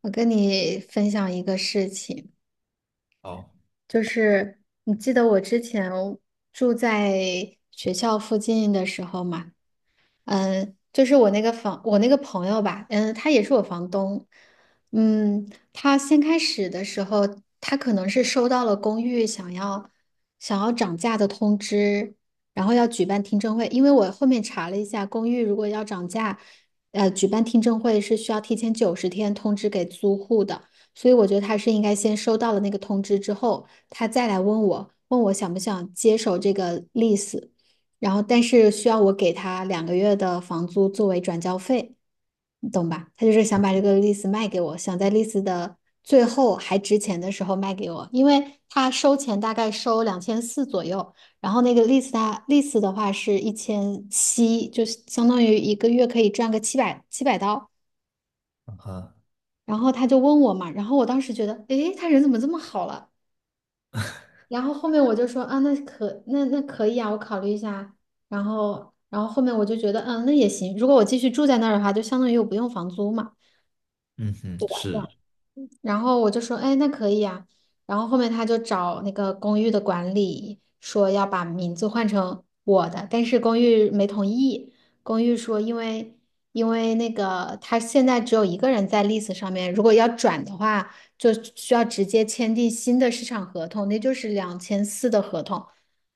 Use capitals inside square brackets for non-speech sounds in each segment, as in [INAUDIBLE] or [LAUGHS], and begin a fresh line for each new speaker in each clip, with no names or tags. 我跟你分享一个事情，
哦，
就是你记得我之前住在学校附近的时候吗？就是我那个朋友吧，他也是我房东。他先开始的时候，他可能是收到了公寓想要涨价的通知，然后要举办听证会。因为我后面查了一下，公寓如果要涨价，举办听证会是需要提前九十天通知给租户的，所以我觉得他是应该先收到了那个通知之后，他再来问我，问我想不想接手这个 lease。然后但是需要我给他两个月的房租作为转交费，你懂吧？他就是想把这个 lease 卖给我，想在 lease 的最后还值钱的时候卖给我。因为他收钱大概收两千四左右，然后那个 lease 他 lease 的话是1700，就相当于一个月可以赚个七百刀。
啊，
然后他就问我嘛，然后我当时觉得，诶，他人怎么这么好了？
[LAUGHS]
然后后面我就说啊，那可以啊，我考虑一下。然后后面我就觉得，那也行。如果我继续住在那儿的话，就相当于我不用房租嘛。
嗯哼，是
然后我就说，哎，那可以啊。然后后面他就找那个公寓的管理说要把名字换成我的，但是公寓没同意。公寓说，因为那个他现在只有一个人在 l e s e 上面，如果要转的话，就需要直接签订新的市场合同，那就是两千四的合同。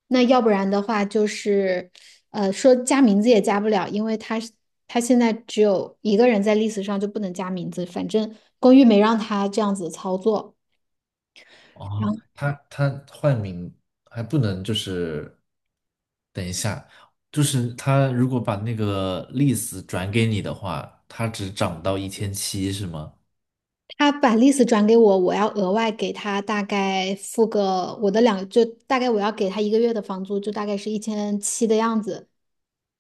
那要不然的话，就是说加名字也加不了，因为他现在只有一个人在 list 上就不能加名字，反正公寓没让他这样子操作。然
哦，
后
他换名还不能等一下，就是他如果把那个 list 转给你的话，他只涨到一千七是吗？
他把 list 转给我，我要额外给他大概付个我的两，就大概我要给他一个月的房租，就大概是一千七的样子。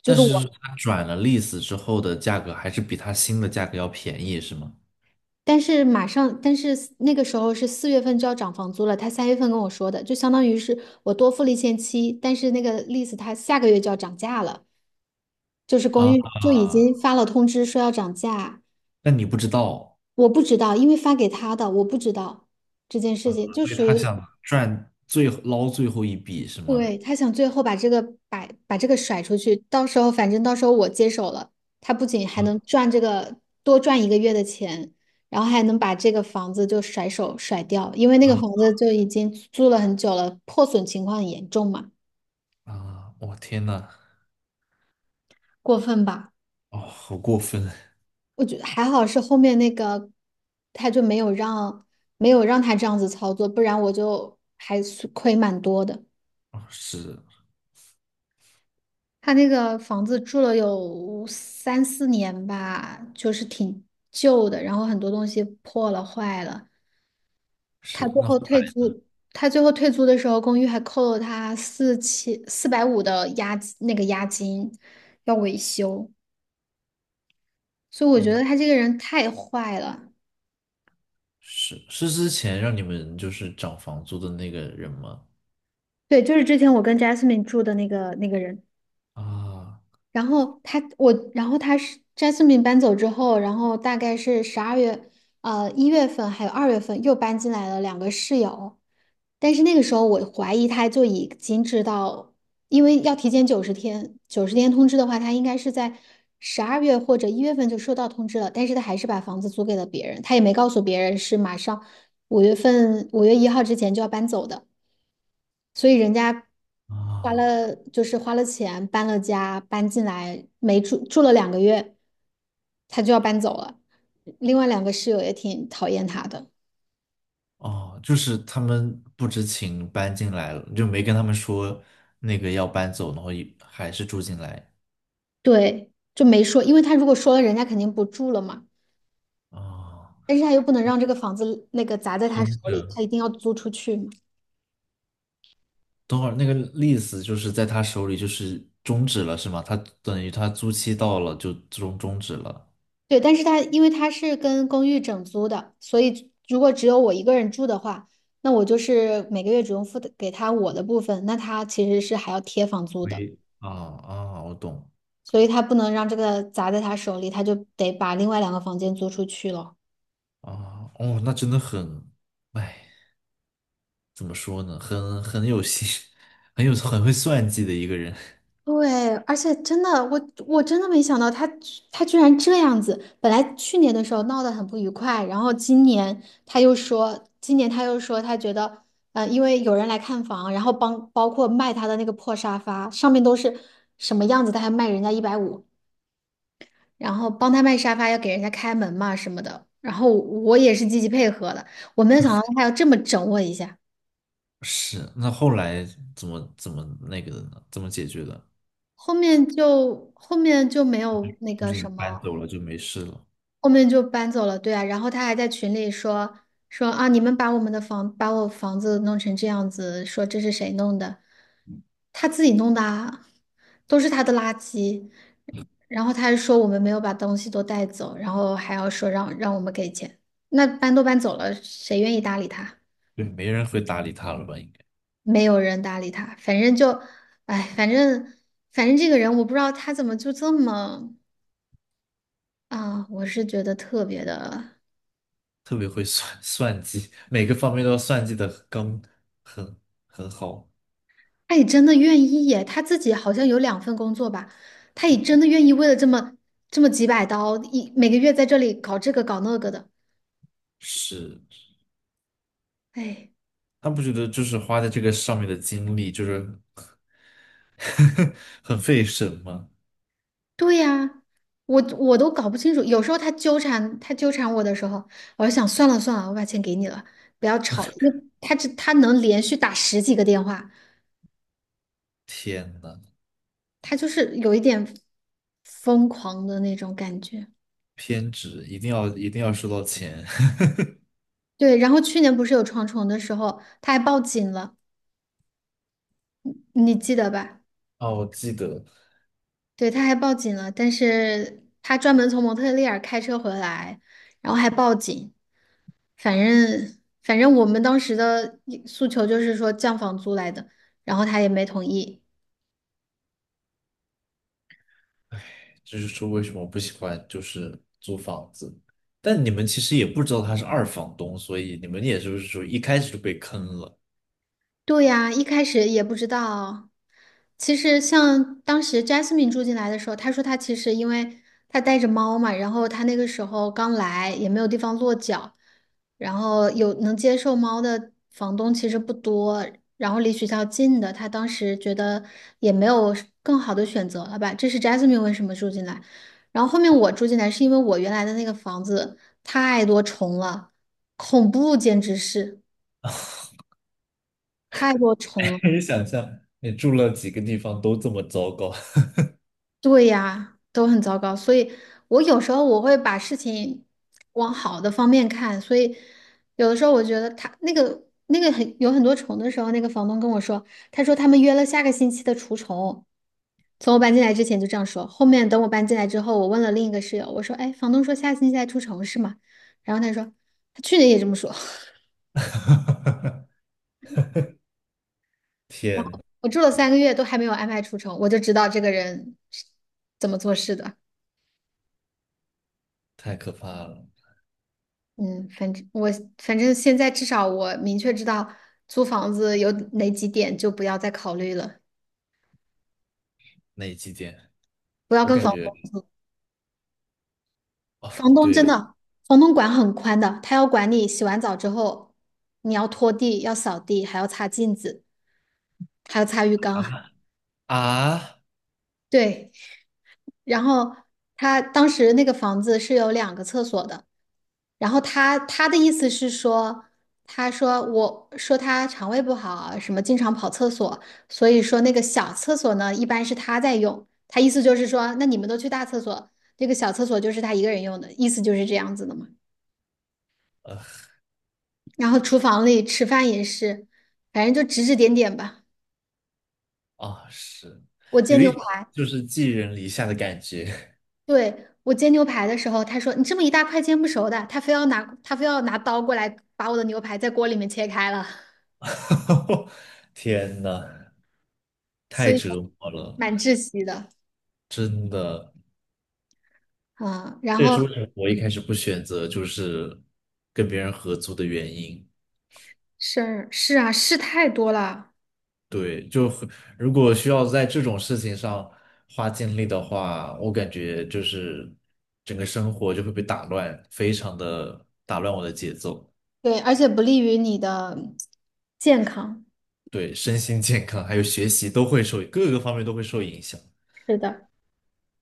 就
但
是
是
我，
他转了 list 之后的价格还是比他新的价格要便宜是吗？
但是马上，但是那个时候是四月份就要涨房租了，他三月份跟我说的，就相当于是我多付了一千七，但是那个 list 他下个月就要涨价了。就是公
啊，
寓就已经发了通知说要涨价，
那你不知道，
我不知道，因为发给他的，我不知道这件事情，就
所以
属
他
于
想赚最捞最后一笔是吗？
对他想最后把这个把这个甩出去。到时候反正到时候我接手了，他不仅还
嗯
能赚这个多赚一个月的钱，然后还能把这个房子就甩手甩掉，因为那个
啊
房子就已经租了很久了，破损情况很严重嘛。
啊！我天呐，
过分吧？
哦，好过分！
我觉得还好是后面那个，他就没有让他这样子操作，不然我就还是亏蛮多的。
哦是
他那个房子住了有三四年吧，就是挺旧的，然后很多东西破了坏了。他
是，
最
那好
后退租，他最后退租的时候，公寓还扣了他4450的押金要维修。所以我觉得
哦
他这个人太坏了。
是是之前让你们就是涨房租的那个人吗？
对，就是之前我跟 Jasmine 住的那个人。
啊
然后他我，然后他是 Jasmine 搬走之后，然后大概是十二月，一月份还有二月份又搬进来了两个室友。但是那个时候我怀疑他就已经知道，因为要提前九十天通知的话，他应该是在十二月或者一月份就收到通知了，但是他还是把房子租给了别人，他也没告诉别人是马上五月份五月一号之前就要搬走的。所以人家花
啊
了花了钱搬了家，搬进来没住住了两个月，他就要搬走了。另外两个室友也挺讨厌他的。
哦，就是他们不知情搬进来了，就没跟他们说那个要搬走，然后一还是住进来
对，就没说，因为他如果说了，人家肯定不住了嘛。
啊，
但是他又不能让这个房子那个砸在他手
空
里，他
着。
一定要租出去嘛。
等会儿那个 l e 就是在他手里就是终止了是吗？他等于他租期到了就终止了。
对，但是他因为他是跟公寓整租的，所以如果只有我一个人住的话，那我就是每个月只用付的给他我的部分，那他其实是还要贴房租的。
喂，啊啊，我懂
所以他不能让这个砸在他手里，他就得把另外两个房间租出去了。
啊，哦，那真的很，哎。怎么说呢，很有心，[LAUGHS] 很有很会算计的一个人。[LAUGHS]
对，而且真的，我真的没想到他居然这样子。本来去年的时候闹得很不愉快，然后今年他又说，他觉得，因为有人来看房，然后帮包括卖他的那个破沙发，上面都是什么样子，他还卖人家150，然后帮他卖沙发要给人家开门嘛什么的。然后我也是积极配合的，我没有想到他要这么整我一下。
是，那后来怎么那个的呢？怎么解决的？
后面就没有那
就
个
是你们
什
搬
么，
走了就没事了，
后面就搬走了。对啊，然后他还在群里说啊，你们把我房子弄成这样子，说这是谁弄的？他自己弄的啊，都是他的垃圾。然后他还说我们没有把东西都带走，然后还要说让我们给钱。那搬都搬走了，谁愿意搭理他？
对，没人会搭理他了吧？应该
没有人搭理他，反正就，哎，反正这个人我不知道他怎么就这么。啊，我是觉得特别的，
特别会算 [LAUGHS] 算计，每个方面都要算计的刚很很好。
他也真的愿意耶！他自己好像有两份工作吧，他也真的愿意为了这么几百刀，一每个月在这里搞这个搞那个的。
是，
哎，
他不觉得就是花在这个上面的精力就是 [LAUGHS] 很费神吗？
对呀，我我都搞不清楚。有时候他纠缠我的时候，我就想算了算了，我把钱给你了，不要吵了。因为他这他能连续打十几个电话，
天呐，
他就是有一点疯狂的那种感觉。
偏执，一定要收到钱。
对，然后去年不是有床虫的时候，他还报警了。你记得吧？
[LAUGHS] 哦，我记得
对，他还报警了。但是他专门从蒙特利尔开车回来，然后还报警。反正反正我们当时的诉求就是说降房租来的，然后他也没同意。
这就是说，为什么我不喜欢就是租房子。但你们其实也不知道他是二房东，所以你们也是不是说一开始就被坑了？
对呀，一开始也不知道。其实像当时 Jasmine 住进来的时候，她说她其实因为她带着猫嘛，然后她那个时候刚来，也没有地方落脚，然后有能接受猫的房东其实不多，然后离学校近的，她当时觉得也没有更好的选择了吧。这是 Jasmine 为什么住进来。然后后面我住进来是因为我原来的那个房子太多虫了，恐怖简直是太多虫了。
[LAUGHS] 可以想象，你住了几个地方都这么糟糕，
对呀，都很糟糕，所以我有时候我会把事情往好的方面看，所以有的时候我觉得他那个很多虫的时候，那个房东跟我说，他说他们约了下个星期的除虫，从我搬进来之前就这样说，后面等我搬进来之后，我问了另一个室友，我说，哎，房东说下星期来除虫是吗？然后他说他去年也这么说。
[LAUGHS] 天，
[LAUGHS] 我住了三个月都还没有安排除虫，我就知道这个人是怎么做事的。
太可怕了！
嗯，反正我反正现在至少我明确知道租房子有哪几点，就不要再考虑了，
那几期间
不要
我
跟
感
房
觉
东。
啊，
房东
对
真
了
的，房东管很宽的，他要管你洗完澡之后，你要拖地，要扫地，还要擦镜子，还要擦浴缸。
啊
[LAUGHS]
啊
对，然后他当时那个房子是有两个厕所的。然后他的意思是说，他说我说他肠胃不好，什么经常跑厕所，所以说那个小厕所呢，一般是他在用。他意思就是说，那你们都去大厕所，这个小厕所就是他一个人用的，意思就是这样子的嘛。然后厨房里吃饭也是，反正就指指点点吧。
啊，是
我煎
有
牛
一种
排，
就是寄人篱下的感觉。
对，我煎牛排的时候，他说你这么一大块煎不熟的，他非要拿刀过来把我的牛排在锅里面切开了，
[LAUGHS] 天呐，
所
太
以
折磨了，
蛮窒息的。
真的。
嗯，然
这也
后。
是为什么我一开始不选择就是跟别人合租的原因。
是是啊，事太多了。
对，就很如果需要在这种事情上花精力的话，我感觉就是整个生活就会被打乱，非常的打乱我的节奏。
对，而且不利于你的健康。
对，身心健康还有学习都会受，各个方面都会受影响。
是的，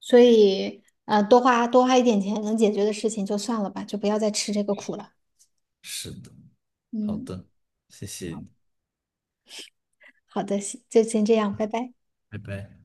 所以呃，多花一点钱能解决的事情就算了吧，就不要再吃这个苦了。
是的，好
嗯，
的，谢谢你
好的，行就先这样，拜拜。
拜拜。